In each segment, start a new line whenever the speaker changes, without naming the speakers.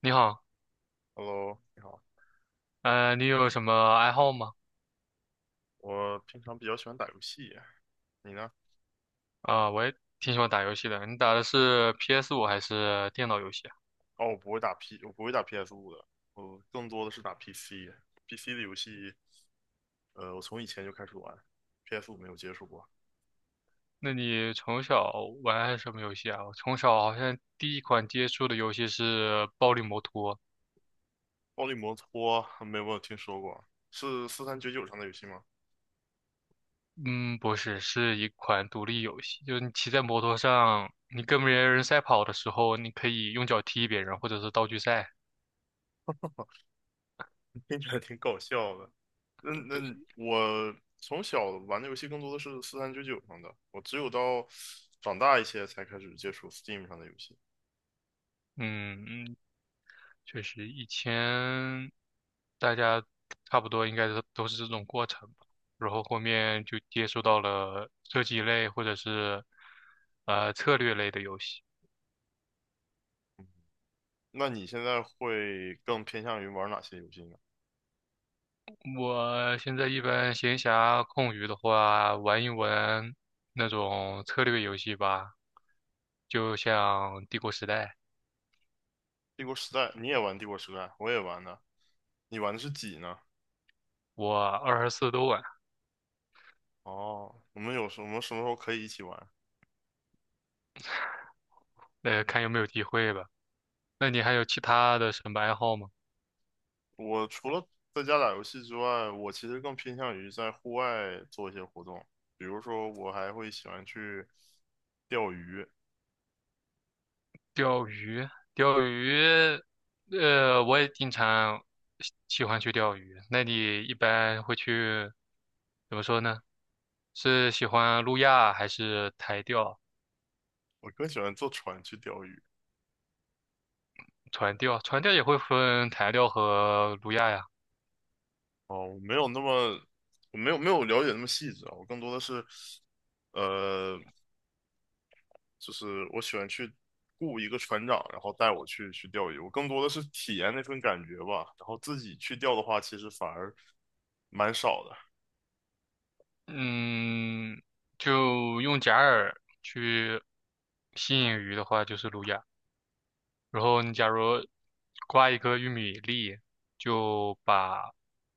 你好，
Hello，你好。
你有什么爱好吗？
我平常比较喜欢打游戏，你呢？
啊，我也挺喜欢打游戏的。你打的是 PS5还是电脑游戏啊？
哦，我不会打 P，我不会打 p s 五的，我更多的是打 PC。PC 的游戏，我从以前就开始玩 p s 五没有接触过。
那你从小玩什么游戏啊？我从小好像第一款接触的游戏是《暴力摩托》。
暴力摩托没有听说过，是四三九九上的游戏吗？
嗯，不是，是一款独立游戏，就是你骑在摩托上，你跟别人赛跑的时候，你可以用脚踢别人，或者是道具赛。
听起来挺搞笑的。那
对。
我从小玩的游戏更多的是四三九九上的，我只有到长大一些才开始接触 Steam 上的游戏。
嗯，确实，以前大家差不多应该都是这种过程吧，然后后面就接触到了设计类或者是策略类的游戏。
那你现在会更偏向于玩哪些游戏呢？
我现在一般闲暇空余的话，玩一玩那种策略游戏吧，就像《帝国时代》，
帝国时代，你也玩帝国时代，我也玩的。你玩的是几呢？
我24都玩。
哦，我们什么时候可以一起玩？
看有没有机会吧。那你还有其他的什么爱好吗？
我除了在家打游戏之外，我其实更偏向于在户外做一些活动，比如说我还会喜欢去钓鱼，
钓鱼，钓鱼。我也经常喜欢去钓鱼。那你一般会去，怎么说呢？是喜欢路亚还是台钓、
我更喜欢坐船去钓鱼。
船钓？船钓也会分台钓和路亚呀。
哦，我没有那么，我没有了解那么细致啊，我更多的是，呃，就是我喜欢去雇一个船长，然后带我去钓鱼。我更多的是体验那份感觉吧。然后自己去钓的话，其实反而蛮少的。
嗯，就用假饵去吸引鱼的话，就是路亚。然后你假如挂一个玉米粒，就把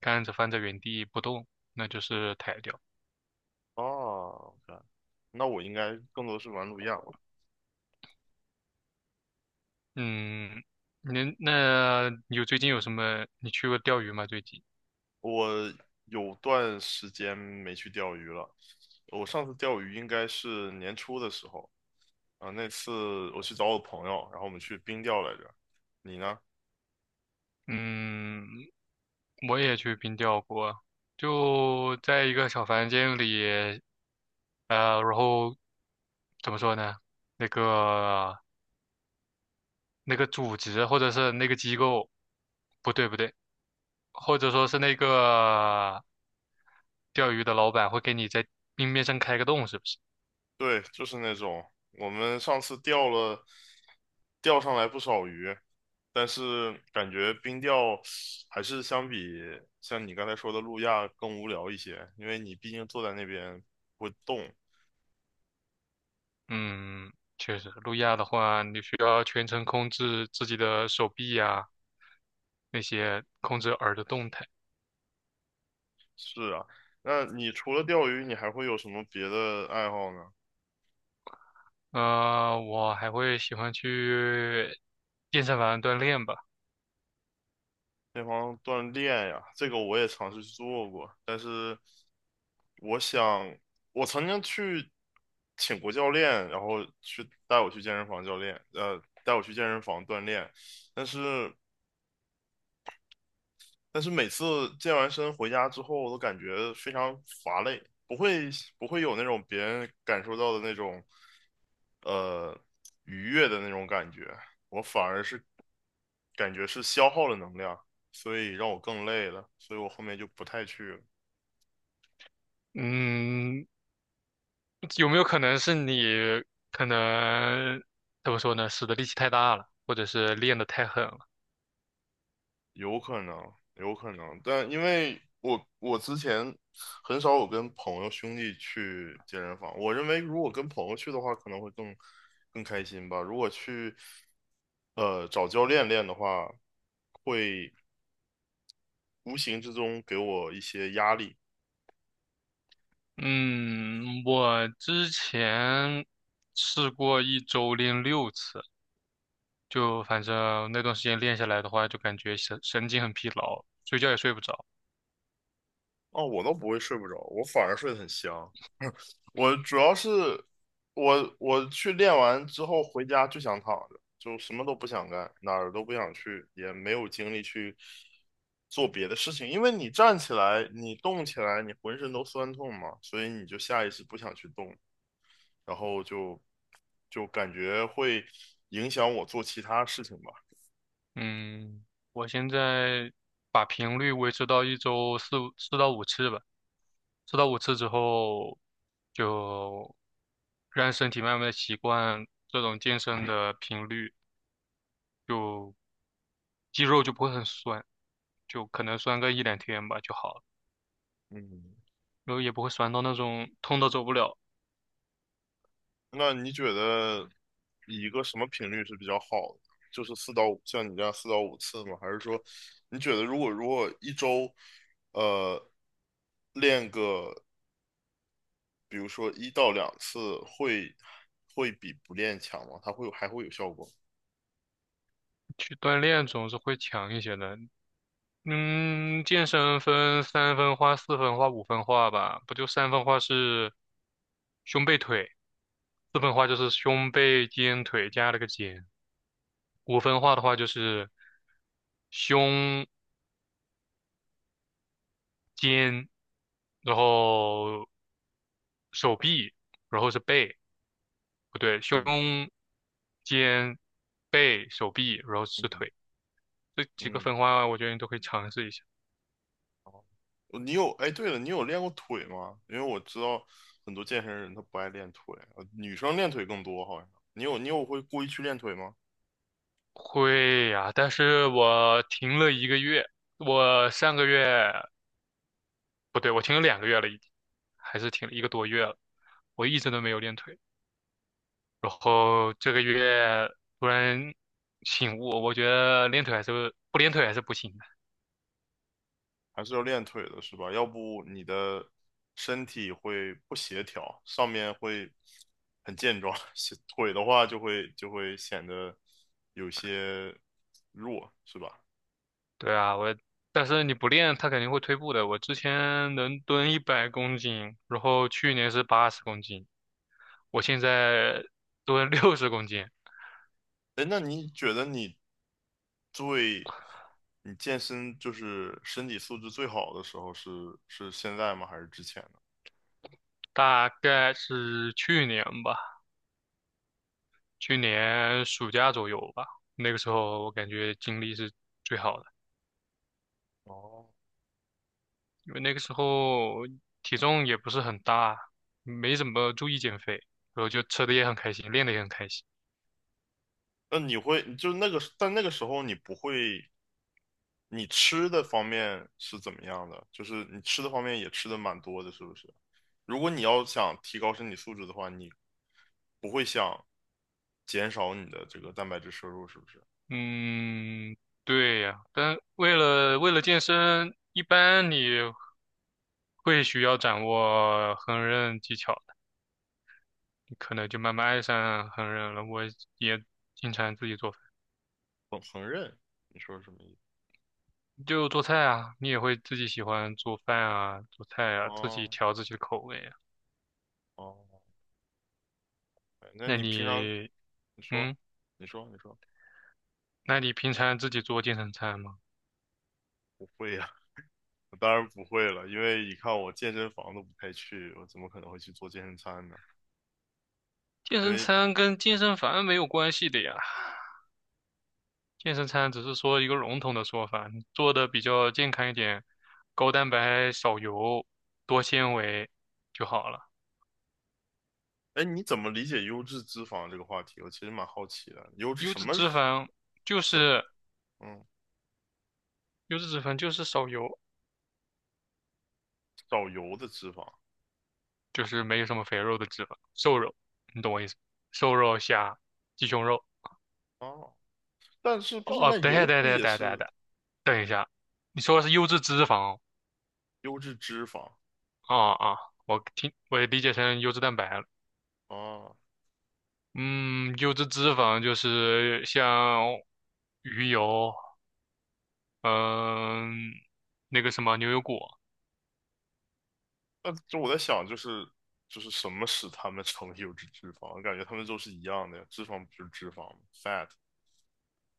杆子放在原地不动，那就是台钓。
啊。o k， 那我应该更多是玩不一样。
嗯，那有最近有什么？你去过钓鱼吗？最近？
我有段时间没去钓鱼了。我上次钓鱼应该是年初的时候啊，那次我去找我朋友，然后我们去冰钓来着。你呢？
嗯，我也去冰钓过，就在一个小房间里。然后怎么说呢？那个那个组织或者是那个机构，不对不对，或者说是那个钓鱼的老板会给你在冰面上开个洞，是不是？
对，就是那种。我们上次钓上来不少鱼，但是感觉冰钓还是相比像你刚才说的路亚更无聊一些，因为你毕竟坐在那边不动。
嗯，确实，路亚的话，你需要全程控制自己的手臂呀、那些控制耳的动态。
是啊，那你除了钓鱼，你还会有什么别的爱好呢？
我还会喜欢去健身房锻炼吧。
那方锻炼呀，这个我也尝试去做过，但是我想，我曾经去请过教练，然后去带我去健身房教练，呃，带我去健身房锻炼，但是但是每次健完身回家之后，我都感觉非常乏累，不会有那种别人感受到的那种呃愉悦的那种感觉，我反而是感觉是消耗了能量，所以让我更累了，所以我后面就不太去了。
嗯，有没有可能是你可能怎么说呢？使的力气太大了，或者是练得太狠了？
有可能，有可能，但因为我之前很少有跟朋友兄弟去健身房，我认为如果跟朋友去的话，可能会更开心吧。如果去找教练练的话，会无形之中给我一些压力。
嗯，我之前试过一周练6次，就反正那段时间练下来的话，就感觉神经很疲劳，睡觉也睡不着。
哦，我倒不会睡不着，我反而睡得很香。我主要是我去练完之后回家就想躺着，就什么都不想干，哪儿都不想去，也没有精力去做别的事情。因为你站起来，你动起来，你浑身都酸痛嘛，所以你就下意识不想去动，然后就就感觉会影响我做其他事情吧。
嗯，我现在把频率维持到一周四五四到五次吧，四到五次之后，就让身体慢慢的习惯这种健身的频率，就肌肉就不会很酸，就可能酸个一两天吧就好了，
嗯，
然后也不会酸到那种痛到走不了。
那你觉得一个什么频率是比较好的？就是四到五，像你这样四到五次吗？还是说，你觉得如果一周，呃，练个比如说一到两次会，会比不练强吗？它会有效果？
去锻炼总是会强一些的。嗯，健身分三分化、四分化、五分化吧，不就三分化是胸背腿。四分化就是胸、背、肩、腿加了个肩。五分化的话就是胸、肩，然后手臂，然后是背，不对，胸、
嗯。
肩、背、手臂，然后是
嗯。
腿。这几个
嗯。
分化我觉得你都可以尝试一下。
哦你有，哎，对了，你有练过腿吗？因为我知道很多健身人他不爱练腿，呃女生练腿更多好像。你有会故意去练腿吗？
会呀，但是我停了一个月，我上个月，不对，我停了2个月了，已经，还是停了一个多月了，我一直都没有练腿。然后这个月突然醒悟，我觉得练腿还是不练腿还是不行的。
还是要练腿的，是吧？要不你的身体会不协调，上面会很健壮，协腿的话就会显得有些弱，是吧？
对啊，但是你不练，它肯定会退步的。我之前能蹲100公斤，然后去年是80公斤，我现在蹲60公斤。
哎，那你觉得最你健身就是身体素质最好的时候是现在吗？还是之前呢？
大概是去年吧，去年暑假左右吧，那个时候我感觉精力是最好的。
哦，
因为那个时候体重也不是很大，没怎么注意减肥，然后就吃的也很开心，练的也很开心。
那你会就那个，但那个时候你不会，你吃的方面是怎么样的？就是你吃的方面也吃的蛮多的，是不是？如果你要想提高身体素质的话，你不会想减少你的这个蛋白质摄入，是不是？
嗯，对呀，但为了健身，一般你会需要掌握烹饪技巧的，你可能就慢慢爱上烹饪了。我也经常自己做饭，
烹饪，你说什么意思？
就做菜啊，你也会自己喜欢做饭啊，做菜啊，自己
哦，
调自己的口味啊。
哦，哎那
那
你平常。
你，
你说，
嗯，
你说，
那你平常自己做健身餐吗？
不会呀、我当然不会了，因为一看我健身房都不太去，我怎么可能会去做健身餐呢？
健
因
身
为。
餐跟健
嗯，
身房没有关系的呀，健身餐只是说一个笼统的说法，做的比较健康一点，高蛋白、少油、多纤维就好了。
哎，你怎么理解优质脂肪这个话题？我其实蛮好奇的，优质
优
什
质
么
脂肪就
什
是
嗯，
优质脂肪就是少油，
少油的脂肪
就是没有什么肥肉的脂肪，瘦肉，你懂我意思？瘦肉、虾、鸡胸肉。
啊？但是不是
哦，
那
等一
油
下，等一
不
下，
也
等一下，等一
是
下，等一下，你说的是优质脂肪。
优质脂肪
哦啊啊，我听我也理解成优质蛋白了。
啊？
嗯，优质脂肪就是像鱼油，嗯，那个什么牛油果，
那就我在想，就是什么使它们成为优质脂肪？我感觉它们都是一样的呀，脂肪不就是脂肪吗？fat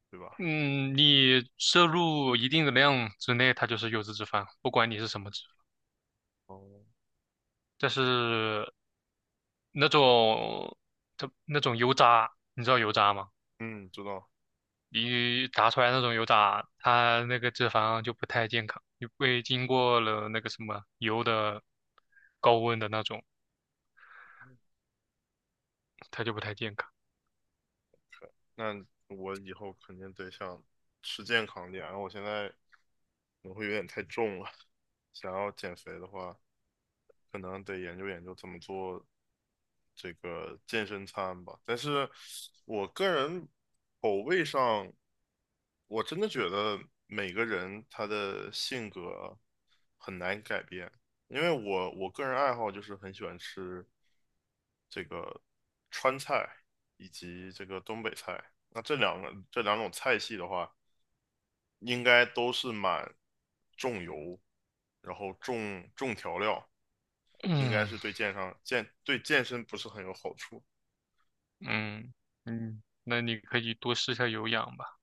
对吧？
嗯，你摄入一定的量之内，它就是优质脂肪，不管你是什么脂肪。
哦，
但是那种，它那种油渣，你知道油渣吗？
嗯，知道。
你炸出来那种油渣，它那个脂肪就不太健康，因为经过了那个什么油的高温的那种，它就不太健康。
那我以后肯定得想吃健康点，我现在可能会有点太重了，想要减肥的话。可能得研究研究怎么做这个健身餐吧。但是我个人口味上，我真的觉得每个人他的性格很难改变，因为我个人爱好就是很喜欢吃这个川菜以及这个东北菜。那这两个这两种菜系的话，应该都是蛮重油，然后重调料。应该
嗯。
是对健上健对健身不是很有好处。
嗯嗯，那你可以多试一下有氧吧。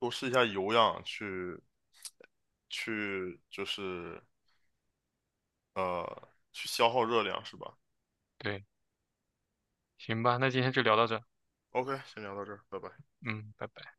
多试一下有氧去就是去消耗热量是吧
对，行吧，那今天就聊到这儿。
？OK，先聊到这儿，拜拜。
嗯，拜拜。